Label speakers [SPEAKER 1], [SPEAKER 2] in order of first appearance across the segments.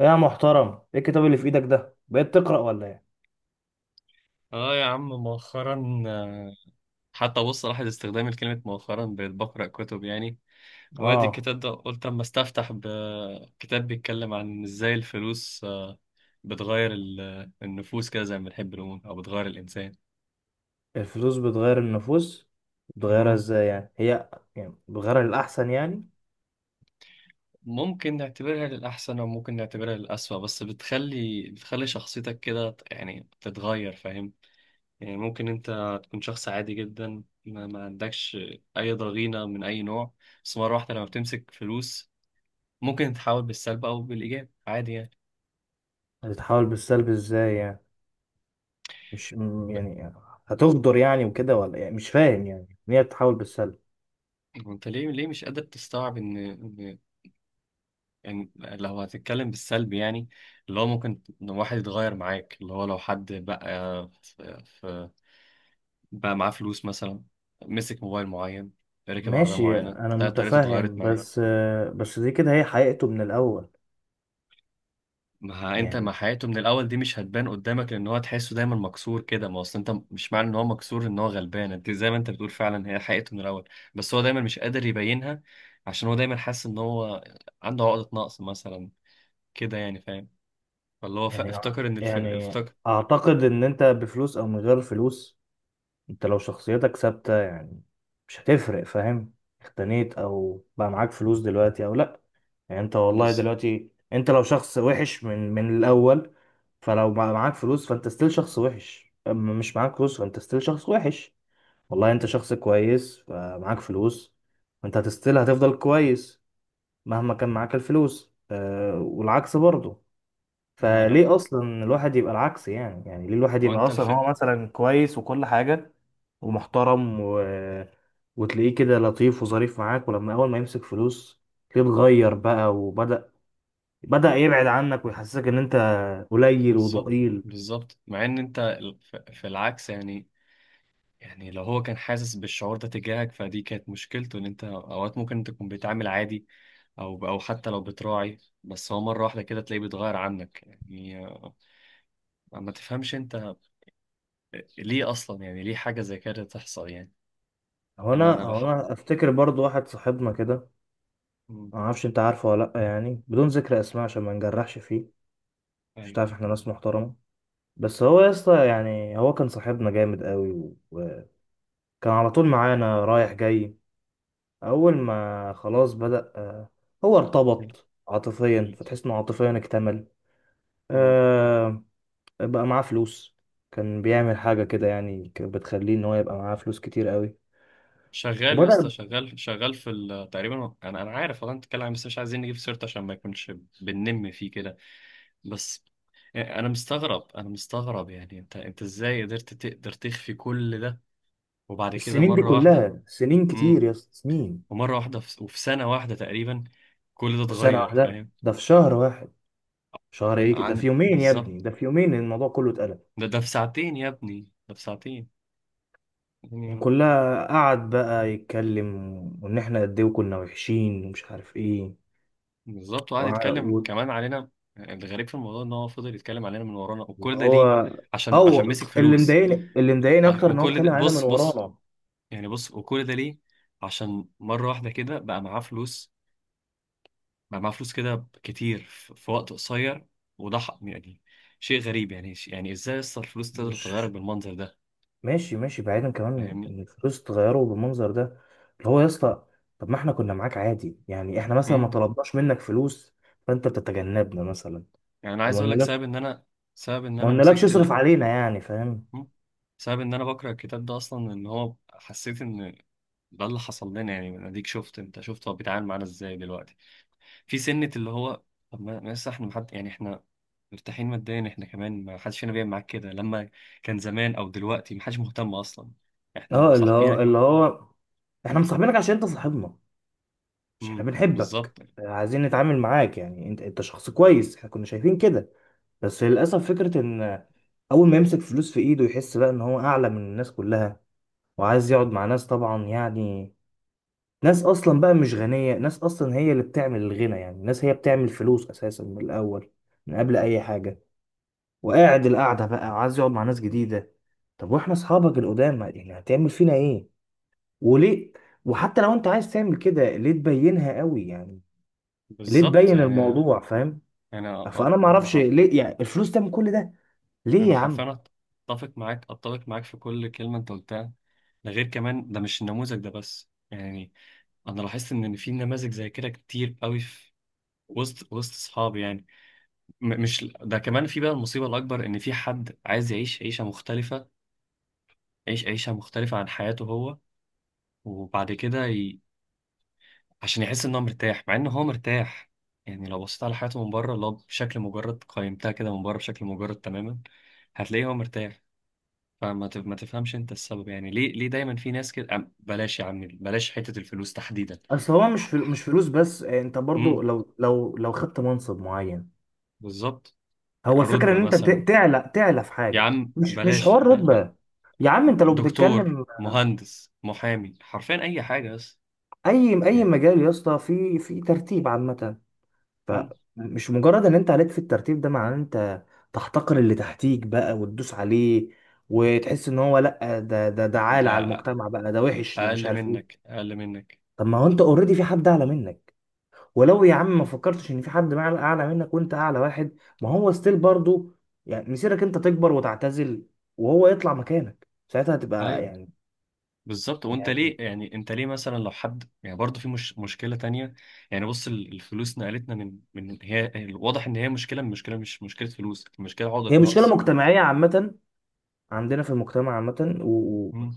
[SPEAKER 1] ايه يا محترم؟ ايه الكتاب اللي في ايدك ده؟ بقيت تقرأ ولا ايه؟
[SPEAKER 2] اه يا عم، مؤخرا حتى بص لاحظ استخدامي لكلمة مؤخرا، بقيت بقرأ كتب يعني. وادي
[SPEAKER 1] اه،
[SPEAKER 2] الكتاب ده، قلت اما استفتح بكتاب بيتكلم عن ازاي الفلوس بتغير النفوس، كده زي ما بنحب نقول، او بتغير الانسان.
[SPEAKER 1] الفلوس بتغير النفوس؟ بتغيرها
[SPEAKER 2] مم.
[SPEAKER 1] ازاي يعني هي؟ يعني بتغيرها للأحسن يعني؟
[SPEAKER 2] ممكن نعتبرها للأحسن أو ممكن نعتبرها للأسوأ، بس بتخلي شخصيتك كده يعني تتغير، فاهم؟ يعني ممكن أنت تكون شخص عادي جدا، ما عندكش أي ضغينة من أي نوع. بس مرة واحدة لما بتمسك فلوس، ممكن تحاول بالسلب او بالايجاب، عادي يعني.
[SPEAKER 1] هتتحول بالسلب ازاي يعني؟ مش م- يعني هتغدر يعني وكده، ولا يعني مش فاهم يعني ان هي بتتحول بالسلب؟
[SPEAKER 2] وانت ليه مش قادر تستوعب ان إن- يعني لو هتتكلم بالسلب، يعني اللي هو ممكن إن واحد يتغير معاك، اللي هو لو حد بقى بقى معاه فلوس مثلا، مسك موبايل معين، ركب عربية
[SPEAKER 1] ماشي،
[SPEAKER 2] معينة،
[SPEAKER 1] انا
[SPEAKER 2] تلاقي طريقته اتغيرت
[SPEAKER 1] متفهم،
[SPEAKER 2] معاه.
[SPEAKER 1] بس بس دي كده هي حقيقته من الأول.
[SPEAKER 2] ما انت،
[SPEAKER 1] يعني
[SPEAKER 2] ما حياته من الاول دي مش هتبان قدامك، لان هو تحسه دايما مكسور كده. ما اصل انت، مش معنى ان هو مكسور ان هو غلبان. انت زي ما انت بتقول، فعلا هي حقيقته من الاول. بس هو دايما مش قادر يبينها، عشان هو دايما حاسس ان هو عنده عقدة نقص مثلا كده، يعني فاهم؟ ولا هو
[SPEAKER 1] يعني
[SPEAKER 2] افتكر ان
[SPEAKER 1] يعني
[SPEAKER 2] افتكر.
[SPEAKER 1] اعتقد ان انت بفلوس او من غير فلوس، انت لو شخصيتك ثابتة يعني مش هتفرق، فاهم؟ اختنيت او بقى معاك فلوس دلوقتي او لا، يعني انت والله
[SPEAKER 2] بس
[SPEAKER 1] دلوقتي انت لو شخص وحش من الاول، فلو بقى معاك فلوس فانت ستيل شخص وحش، اما مش معاك فلوس فانت ستيل شخص وحش. والله انت شخص كويس فمعاك فلوس، فانت هتستيل، هتفضل كويس مهما كان معاك الفلوس، أه، والعكس برضه.
[SPEAKER 2] ما انا ما
[SPEAKER 1] فليه اصلا الواحد يبقى العكس؟ يعني يعني ليه الواحد
[SPEAKER 2] هو
[SPEAKER 1] يبقى
[SPEAKER 2] انت
[SPEAKER 1] اصلا هو مثلا كويس وكل حاجه ومحترم و... وتلاقيه كده لطيف وظريف معاك، ولما اول ما يمسك فلوس تلاقيه اتغير بقى، وبدأ يبعد عنك ويحسسك ان انت قليل
[SPEAKER 2] بالظبط.
[SPEAKER 1] وضئيل.
[SPEAKER 2] بالظبط، مع ان انت في العكس يعني. يعني لو هو كان حاسس بالشعور ده تجاهك، فدي كانت مشكلته، ان انت اوقات ممكن تكون بتعامل عادي، او حتى لو بتراعي. بس هو مره واحده كده تلاقيه بيتغير عنك، يعني ما تفهمش انت ليه اصلا، يعني ليه حاجه زي كده تحصل يعني.
[SPEAKER 1] هو
[SPEAKER 2] انا
[SPEAKER 1] انا
[SPEAKER 2] انا
[SPEAKER 1] هو
[SPEAKER 2] بحب.
[SPEAKER 1] انا افتكر برضو واحد صاحبنا كده،
[SPEAKER 2] مم.
[SPEAKER 1] ما اعرفش انت عارفه ولا لا، يعني بدون ذكر اسماء عشان ما نجرحش فيه، مش
[SPEAKER 2] ايوه.
[SPEAKER 1] تعرف احنا ناس محترمه. بس هو يا اسطى، يعني هو كان صاحبنا جامد قوي وكان على طول معانا رايح جاي. اول ما خلاص بدأ، هو ارتبط عاطفيا
[SPEAKER 2] قول.
[SPEAKER 1] فتحس انه عاطفيا اكتمل،
[SPEAKER 2] مم.
[SPEAKER 1] آه، بقى معاه فلوس. كان بيعمل حاجة كده يعني، كانت بتخليه ان هو يبقى معاه فلوس كتير قوي
[SPEAKER 2] شغال يا اسطى،
[SPEAKER 1] وبدأ.
[SPEAKER 2] شغال شغال في تقريبا. انا عارف، والله انت بتتكلم بس مش عايزين نجيب سيرته عشان ما يكونش بننم فيه كده. بس انا مستغرب، انا مستغرب يعني، انت ازاي قدرت تقدر تخفي كل ده وبعد كده
[SPEAKER 1] السنين دي
[SPEAKER 2] مرة واحدة؟
[SPEAKER 1] كلها سنين كتير
[SPEAKER 2] امم.
[SPEAKER 1] يا اسطى، سنين.
[SPEAKER 2] ومرة واحدة وفي سنة واحدة تقريبا كل ده
[SPEAKER 1] في سنة
[SPEAKER 2] اتغير،
[SPEAKER 1] واحدة؟
[SPEAKER 2] فاهم؟
[SPEAKER 1] ده في شهر واحد! شهر ايه ده؟
[SPEAKER 2] عن
[SPEAKER 1] في يومين يا ابني،
[SPEAKER 2] بالظبط.
[SPEAKER 1] ده في يومين الموضوع كله اتقلب.
[SPEAKER 2] ده في ساعتين يا ابني، ده في ساعتين
[SPEAKER 1] يعني
[SPEAKER 2] يعني.
[SPEAKER 1] كلها قعد بقى يتكلم وان احنا قد ايه كنا وحشين ومش عارف ايه.
[SPEAKER 2] بالظبط، وقعد يتكلم كمان علينا. الغريب في الموضوع ان هو فضل يتكلم علينا من ورانا، وكل ده ليه؟
[SPEAKER 1] هو
[SPEAKER 2] عشان
[SPEAKER 1] او
[SPEAKER 2] مسك
[SPEAKER 1] اللي
[SPEAKER 2] فلوس.
[SPEAKER 1] مضايقني، اللي مضايقني اكتر ان هو
[SPEAKER 2] وكل
[SPEAKER 1] اتكلم
[SPEAKER 2] ده،
[SPEAKER 1] علينا من
[SPEAKER 2] بص بص،
[SPEAKER 1] ورانا.
[SPEAKER 2] يعني بص، وكل ده ليه؟ عشان مرة واحدة كده بقى معاه فلوس. بقى معاه فلوس كده كتير في وقت قصير. يعني شيء غريب، يعني يعني ازاي اصلا الفلوس تقدر تغيرك
[SPEAKER 1] مش
[SPEAKER 2] بالمنظر ده؟
[SPEAKER 1] ماشي، ماشي بعيدا كمان
[SPEAKER 2] فاهمني؟
[SPEAKER 1] ان الفلوس اتغيروا بالمنظر ده، اللي هو يا اسطى، طب ما احنا كنا معاك عادي، يعني احنا مثلا ما
[SPEAKER 2] امم.
[SPEAKER 1] طلبناش منك فلوس فانت بتتجنبنا مثلا،
[SPEAKER 2] يعني انا
[SPEAKER 1] او ما
[SPEAKER 2] عايز اقول لك سبب
[SPEAKER 1] قلنالكش،
[SPEAKER 2] ان انا، سبب ان
[SPEAKER 1] ما
[SPEAKER 2] انا
[SPEAKER 1] قلنالكش
[SPEAKER 2] مسكت
[SPEAKER 1] اصرف علينا يعني، فاهم؟
[SPEAKER 2] مم. سبب ان انا بكره الكتاب ده اصلا، ان هو حسيت ان ده اللي حصل لنا يعني، من اديك شفت، انت شفت هو بيتعامل معانا ازاي دلوقتي في سنة. اللي هو طب ما لسه احنا، محد يعني، احنا مرتاحين ماديا، احنا كمان ما حدش فينا بيعمل معاك كده لما كان زمان او دلوقتي، ما حدش مهتم اصلا. احنا
[SPEAKER 1] اه، اللي هو اللي
[SPEAKER 2] مصاحبينك.
[SPEAKER 1] هو احنا مصاحبينك عشان انت صاحبنا، مش احنا
[SPEAKER 2] امم. بالظبط.
[SPEAKER 1] بنحبك، عايزين نتعامل معاك يعني، انت انت شخص كويس احنا كنا شايفين كده. بس للأسف فكرة إن أول ما يمسك فلوس في إيده يحس بقى إن هو أعلى من الناس كلها، وعايز يقعد مع ناس طبعا يعني ناس أصلا بقى مش غنية، ناس أصلا هي اللي بتعمل الغنى يعني، ناس هي بتعمل فلوس أساسا من الأول، من قبل أي حاجة. وقاعد القعدة بقى عايز يقعد مع ناس جديدة، طب وإحنا أصحابك القدام يعني هتعمل فينا إيه؟ وليه؟ وحتى لو أنت عايز تعمل كده، ليه تبينها قوي يعني؟ ليه
[SPEAKER 2] بالظبط
[SPEAKER 1] تبين
[SPEAKER 2] يعني.
[SPEAKER 1] الموضوع، فاهم؟
[SPEAKER 2] انا
[SPEAKER 1] فأنا
[SPEAKER 2] انا
[SPEAKER 1] معرفش ليه يعني الفلوس تعمل كل ده. ليه
[SPEAKER 2] انا
[SPEAKER 1] يا عم؟
[SPEAKER 2] حرفيا اتفق معاك، اتفق معاك في كل كلمه انت قلتها. ده غير كمان، ده مش النموذج ده بس يعني. انا لاحظت ان في نماذج زي كده كتير قوي في وسط اصحابي يعني. مش ده كمان، في بقى المصيبه الاكبر، ان في حد عايز يعيش عيشه مختلفه، يعيش عيشه مختلفه عن حياته هو. وبعد كده عشان يحس ان هو مرتاح، مع ان هو مرتاح. يعني لو بصيت على حياته من بره، لو بشكل مجرد قيمتها كده من بره بشكل مجرد تماما، هتلاقيه هو مرتاح. ما تفهمش انت السبب، يعني ليه دايما في ناس كده. بلاش يا عم، بلاش حتة الفلوس تحديدا.
[SPEAKER 1] اصل هو مش فلوس بس، آه، انت برضو
[SPEAKER 2] امم.
[SPEAKER 1] لو خدت منصب معين،
[SPEAKER 2] بالظبط.
[SPEAKER 1] هو الفكره ان
[SPEAKER 2] رتبة
[SPEAKER 1] انت
[SPEAKER 2] مثلا.
[SPEAKER 1] تعلى، تعلى في
[SPEAKER 2] يا
[SPEAKER 1] حاجه،
[SPEAKER 2] عم
[SPEAKER 1] مش
[SPEAKER 2] بلاش
[SPEAKER 1] حوار رتبه. يا عم انت لو
[SPEAKER 2] دكتور،
[SPEAKER 1] بتتكلم
[SPEAKER 2] مهندس، محامي، حرفيا اي حاجة، بس
[SPEAKER 1] اي اي
[SPEAKER 2] يعني.
[SPEAKER 1] مجال يا اسطى في في ترتيب عامه،
[SPEAKER 2] امم.
[SPEAKER 1] فمش مجرد ان انت عليت في الترتيب ده معناه ان انت تحتقر اللي تحتيك بقى وتدوس عليه، وتحس ان هو، لا ده ده ده عال على
[SPEAKER 2] ده
[SPEAKER 1] المجتمع بقى، ده وحش، ده مش
[SPEAKER 2] اقل
[SPEAKER 1] عارف ايه.
[SPEAKER 2] منك، اقل منك.
[SPEAKER 1] طب ما هو انت اوريدي في حد اعلى منك؟ ولو يا عم ما فكرتش ان في حد اعلى منك وانت اعلى واحد، ما هو ستيل برضو يعني مسيرك انت تكبر وتعتزل وهو يطلع مكانك، ساعتها هتبقى
[SPEAKER 2] أيوه.
[SPEAKER 1] يعني.
[SPEAKER 2] بالظبط. وانت
[SPEAKER 1] يعني
[SPEAKER 2] ليه يعني، انت ليه مثلا لو حد يعني، برضه في مش مشكله تانية يعني. بص، الفلوس نقلتنا من هي، واضح ان هي مشكله، من مشكله مش مشكله فلوس، المشكله عقده
[SPEAKER 1] هي مشكله
[SPEAKER 2] نقص.
[SPEAKER 1] مجتمعيه عامه عندنا في المجتمع عامه، و... و-
[SPEAKER 2] مم.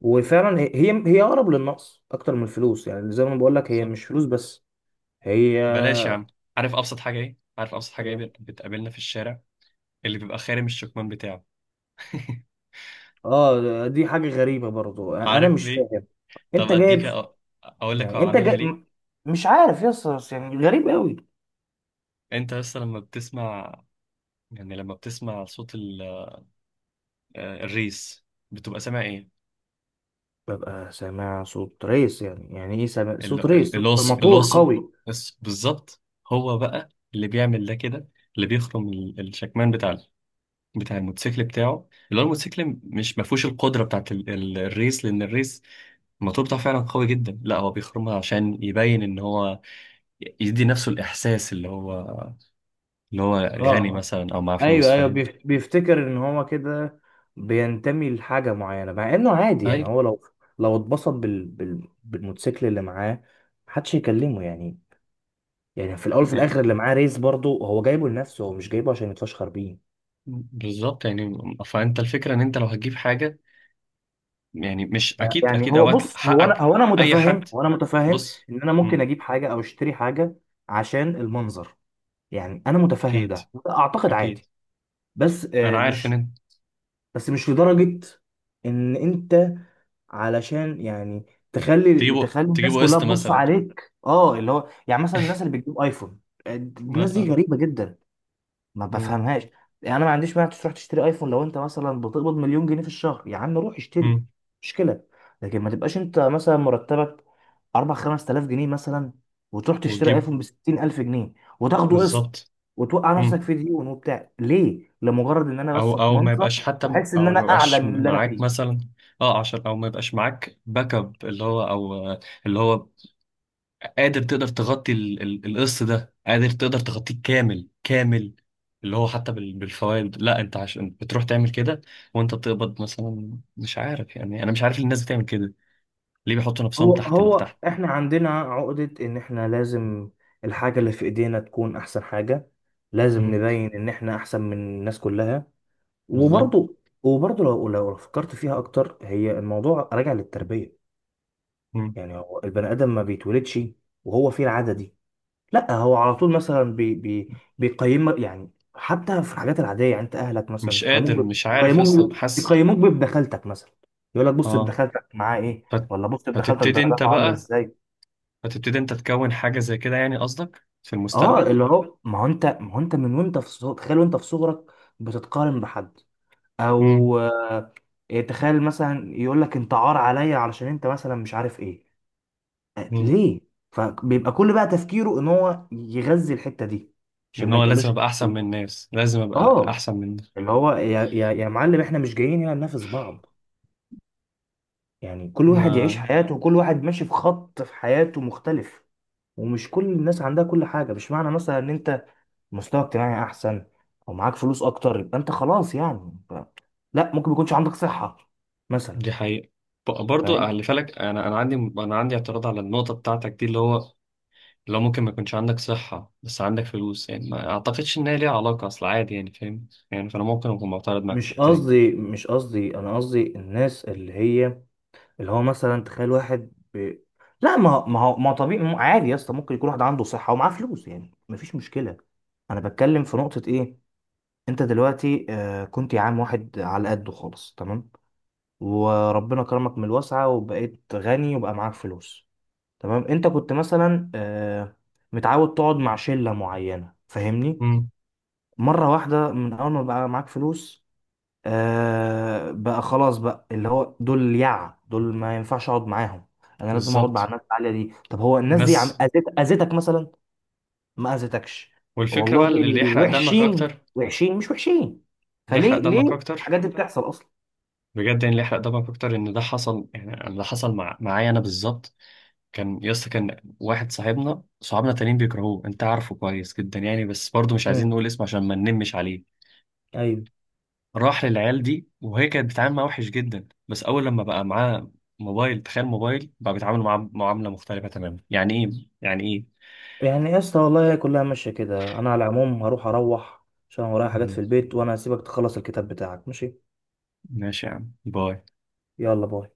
[SPEAKER 1] وفعلا هي هي اقرب للنقص اكتر من الفلوس، يعني زي ما بقول لك هي
[SPEAKER 2] بالظبط.
[SPEAKER 1] مش فلوس بس. هي
[SPEAKER 2] بلاش يا عم. عارف ابسط حاجه ايه؟ عارف ابسط حاجه ايه
[SPEAKER 1] هي-
[SPEAKER 2] بتقابلنا في الشارع؟ اللي بيبقى خارم الشكمان بتاعه.
[SPEAKER 1] اه، دي حاجه غريبه برضو، انا
[SPEAKER 2] عارف
[SPEAKER 1] مش
[SPEAKER 2] ليه؟
[SPEAKER 1] فاهم.
[SPEAKER 2] طب
[SPEAKER 1] انت
[SPEAKER 2] اديك
[SPEAKER 1] جايب،
[SPEAKER 2] اقول لك
[SPEAKER 1] يعني
[SPEAKER 2] هو
[SPEAKER 1] انت
[SPEAKER 2] عاملها ليه.
[SPEAKER 1] مش عارف يا اسطى، يعني غريب قوي.
[SPEAKER 2] انت بس لما بتسمع، يعني لما بتسمع صوت الريس، بتبقى سامع ايه؟
[SPEAKER 1] ببقى سامع صوت ريس، يعني يعني ايه سامع صوت ريس؟ صوت موتور، موتور
[SPEAKER 2] القصب.
[SPEAKER 1] قوي.
[SPEAKER 2] بالظبط. هو بقى اللي بيعمل ده كده، اللي بيخرم الشكمان بتاع بتاع الموتوسيكل بتاعه، اللي هو الموتوسيكل مش ما فيهوش القدره بتاعت الريس. لان الريس، الموتور بتاعه فعلا قوي جدا. لا، هو بيخرمها عشان يبين ان هو يدي نفسه الاحساس، اللي هو
[SPEAKER 1] اه
[SPEAKER 2] غني
[SPEAKER 1] اه،
[SPEAKER 2] مثلا او معاه فلوس،
[SPEAKER 1] ايوه ايوه،
[SPEAKER 2] فاهم؟
[SPEAKER 1] بيفتكر ان هو كده بينتمي لحاجه معينه، مع انه عادي
[SPEAKER 2] اي،
[SPEAKER 1] يعني. هو لو لو اتبسط بالموتوسيكل اللي معاه، محدش يكلمه يعني. يعني في الاول وفي الاخر اللي معاه ريس برضه هو جايبه لنفسه، هو مش جايبه عشان يتفشخر بيه.
[SPEAKER 2] بالظبط يعني. فانت الفكره ان انت لو هتجيب حاجه، يعني مش اكيد
[SPEAKER 1] يعني
[SPEAKER 2] اكيد
[SPEAKER 1] هو
[SPEAKER 2] اوقات
[SPEAKER 1] بص، هو انا
[SPEAKER 2] حقك.
[SPEAKER 1] هو انا
[SPEAKER 2] اي
[SPEAKER 1] متفهم،
[SPEAKER 2] حد.
[SPEAKER 1] هو انا متفهم
[SPEAKER 2] بص.
[SPEAKER 1] ان انا ممكن اجيب حاجه او اشتري حاجه عشان المنظر، يعني انا متفهم
[SPEAKER 2] اكيد،
[SPEAKER 1] ده وده اعتقد
[SPEAKER 2] اكيد.
[SPEAKER 1] عادي. بس
[SPEAKER 2] انا عارف ان
[SPEAKER 1] مش،
[SPEAKER 2] انت
[SPEAKER 1] بس مش لدرجة ان انت علشان يعني تخلي
[SPEAKER 2] تجيبوا
[SPEAKER 1] تخلي الناس
[SPEAKER 2] تجيبوا
[SPEAKER 1] كلها
[SPEAKER 2] قسط
[SPEAKER 1] تبص
[SPEAKER 2] مثلا.
[SPEAKER 1] عليك، اه، اللي هو يعني مثلا الناس اللي بتجيب ايفون. آه،
[SPEAKER 2] ما
[SPEAKER 1] الناس دي
[SPEAKER 2] آه.
[SPEAKER 1] غريبة جدا، ما
[SPEAKER 2] مم.
[SPEAKER 1] بفهمهاش. يعني انا ما عنديش مانع تروح تشتري ايفون لو انت مثلا بتقبض مليون جنيه في الشهر، يا عم روح اشتري،
[SPEAKER 2] مم.
[SPEAKER 1] مشكله. لكن ما تبقاش انت مثلا مرتبك 4 5,000 جنيه مثلا، وتروح تشتري
[SPEAKER 2] وتجيب.
[SPEAKER 1] ايفون ب 60,000 جنيه وتاخده قسط،
[SPEAKER 2] بالظبط.
[SPEAKER 1] وتوقع نفسك
[SPEAKER 2] مم.
[SPEAKER 1] في ديون وبتاع ليه؟ لمجرد ان انا
[SPEAKER 2] او
[SPEAKER 1] بس
[SPEAKER 2] او ما
[SPEAKER 1] اتمنظر
[SPEAKER 2] يبقاش حتى،
[SPEAKER 1] واحس ان
[SPEAKER 2] او
[SPEAKER 1] انا
[SPEAKER 2] ما
[SPEAKER 1] اعلى
[SPEAKER 2] يبقاش
[SPEAKER 1] من اللي انا
[SPEAKER 2] معاك
[SPEAKER 1] فيه.
[SPEAKER 2] مثلا. اه، عشان او ما يبقاش معاك باك اب، اللي هو او آه، اللي هو قادر تقدر تغطي القسط ده، قادر تقدر تغطيه كامل كامل، اللي هو حتى بالفوائد. لا، انت عشان بتروح تعمل كده وانت بتقبض مثلا، مش عارف يعني. انا مش عارف الناس بتعمل كده ليه، بيحطوا نفسهم
[SPEAKER 1] هو
[SPEAKER 2] تحت
[SPEAKER 1] هو
[SPEAKER 2] تحت.
[SPEAKER 1] احنا عندنا عقدة ان احنا لازم الحاجة اللي في ايدينا تكون احسن حاجة، لازم
[SPEAKER 2] مم.
[SPEAKER 1] نبين ان احنا احسن من الناس كلها.
[SPEAKER 2] بالظبط.
[SPEAKER 1] وبرضه، وبرضه لو لو فكرت فيها اكتر، هي الموضوع راجع للتربيه.
[SPEAKER 2] مم.
[SPEAKER 1] يعني هو البني ادم ما بيتولدش وهو فيه العاده دي، لا هو على طول مثلا بي بي بيقيم يعني حتى في الحاجات العاديه يعني، انت اهلك مثلا
[SPEAKER 2] مش
[SPEAKER 1] بيقيموك
[SPEAKER 2] قادر، مش عارف اصلا،
[SPEAKER 1] بيقيموك
[SPEAKER 2] حاسس.
[SPEAKER 1] بيقيموك بابدخلتك مثلا، يقول لك بص
[SPEAKER 2] اه.
[SPEAKER 1] ابدخلتك معاه ايه،
[SPEAKER 2] فت...
[SPEAKER 1] ولا بص ابدخلتك
[SPEAKER 2] فتبتدي انت
[SPEAKER 1] درجاته عامله
[SPEAKER 2] بقى،
[SPEAKER 1] ازاي.
[SPEAKER 2] فتبتدي انت تكون حاجه زي كده يعني، قصدك في
[SPEAKER 1] اه،
[SPEAKER 2] المستقبل.
[SPEAKER 1] اللي هو ما هو انت من وانت تخيل وانت في صغرك بتتقارن بحد
[SPEAKER 2] امم.
[SPEAKER 1] او آه، تخيل مثلا يقول لك انت عار عليا علشان انت مثلا مش عارف ايه، آه، ليه. فبيبقى كل بقى تفكيره ان هو يغذي الحتة دي
[SPEAKER 2] ان
[SPEAKER 1] عشان ما
[SPEAKER 2] هو لازم
[SPEAKER 1] يتقالوش الحتة
[SPEAKER 2] ابقى احسن من
[SPEAKER 1] دي.
[SPEAKER 2] الناس، لازم ابقى
[SPEAKER 1] اه،
[SPEAKER 2] احسن من الناس.
[SPEAKER 1] اللي هو يا معلم، احنا مش جايين هنا ننافس بعض يعني، كل واحد يعيش
[SPEAKER 2] آه.
[SPEAKER 1] حياته وكل واحد ماشي في خط في حياته مختلف. ومش كل الناس عندها كل حاجة، مش معنى مثلا ان انت مستوى اجتماعي احسن او معاك فلوس اكتر يبقى انت خلاص يعني، لا، ممكن ما يكونش عندك صحة مثلا،
[SPEAKER 2] دي حقيقه. برضو
[SPEAKER 1] فاهم؟
[SPEAKER 2] خلي بالك، انا عندي، اعتراض على النقطه بتاعتك دي، اللي هو لو ممكن ما يكونش عندك صحه بس عندك فلوس، يعني ما اعتقدش ان هي ليها علاقه، اصل عادي يعني، فاهم يعني؟ فانا ممكن اكون معترض معاك في
[SPEAKER 1] مش
[SPEAKER 2] الحته دي.
[SPEAKER 1] قصدي مش قصدي انا قصدي الناس اللي هي، اللي هو مثلا تخيل واحد لا، ما هو طبيعي، ما هو عادي يا اسطى، ممكن يكون واحد عنده صحة ومعاه فلوس يعني مفيش مشكلة. انا بتكلم في نقطة ايه؟ انت دلوقتي آه، كنت يا عم واحد على قده خالص، تمام؟ وربنا كرمك من الواسعة وبقيت غني وبقى معاك فلوس، تمام. انت كنت مثلا آه متعود تقعد مع شلة معينة، فاهمني؟
[SPEAKER 2] امم.
[SPEAKER 1] مرة واحدة من اول ما بقى معاك فلوس، آه، بقى خلاص بقى، اللي هو دول اليعة دول ما ينفعش اقعد معاهم، انا لازم اقعد مع
[SPEAKER 2] بالظبط.
[SPEAKER 1] الناس العالية دي. طب هو الناس دي عم
[SPEAKER 2] الناس
[SPEAKER 1] اذيت، اذيتك مثلا؟ ما اذيتكش
[SPEAKER 2] والفكرة
[SPEAKER 1] والله،
[SPEAKER 2] بقى، اللي يحرق دمك
[SPEAKER 1] وحشين،
[SPEAKER 2] أكتر،
[SPEAKER 1] وحشين مش وحشين،
[SPEAKER 2] اللي يحرق
[SPEAKER 1] فليه
[SPEAKER 2] دمك
[SPEAKER 1] ليه
[SPEAKER 2] أكتر
[SPEAKER 1] الحاجات دي بتحصل اصلا؟
[SPEAKER 2] بجد يعني، اللي يحرق دمك أكتر إن ده حصل يعني، أنا ده حصل معايا أنا بالظبط. كان يسطا، كان واحد صاحبنا، صحابنا تانيين بيكرهوه أنت عارفه كويس جدا يعني، بس برضه مش عايزين
[SPEAKER 1] امم،
[SPEAKER 2] نقول اسمه عشان ما ننمش عليه.
[SPEAKER 1] ايوه،
[SPEAKER 2] راح للعيال دي وهي كانت بتتعامل معاه وحش جدا، بس أول لما بقى معاه موبايل، تخيل، موبايل، بقى بيتعامل معاه معاملة مختلفة تماما. يعني إيه يعني إيه؟
[SPEAKER 1] يعني يا اسطى والله هي كلها ماشيه كده، انا على العموم هروح، اروح عشان ورايا حاجات في
[SPEAKER 2] مهم.
[SPEAKER 1] البيت، وانا هسيبك تخلص الكتاب بتاعك، ماشي؟
[SPEAKER 2] ماشي يا عم، باي.
[SPEAKER 1] يلا باي.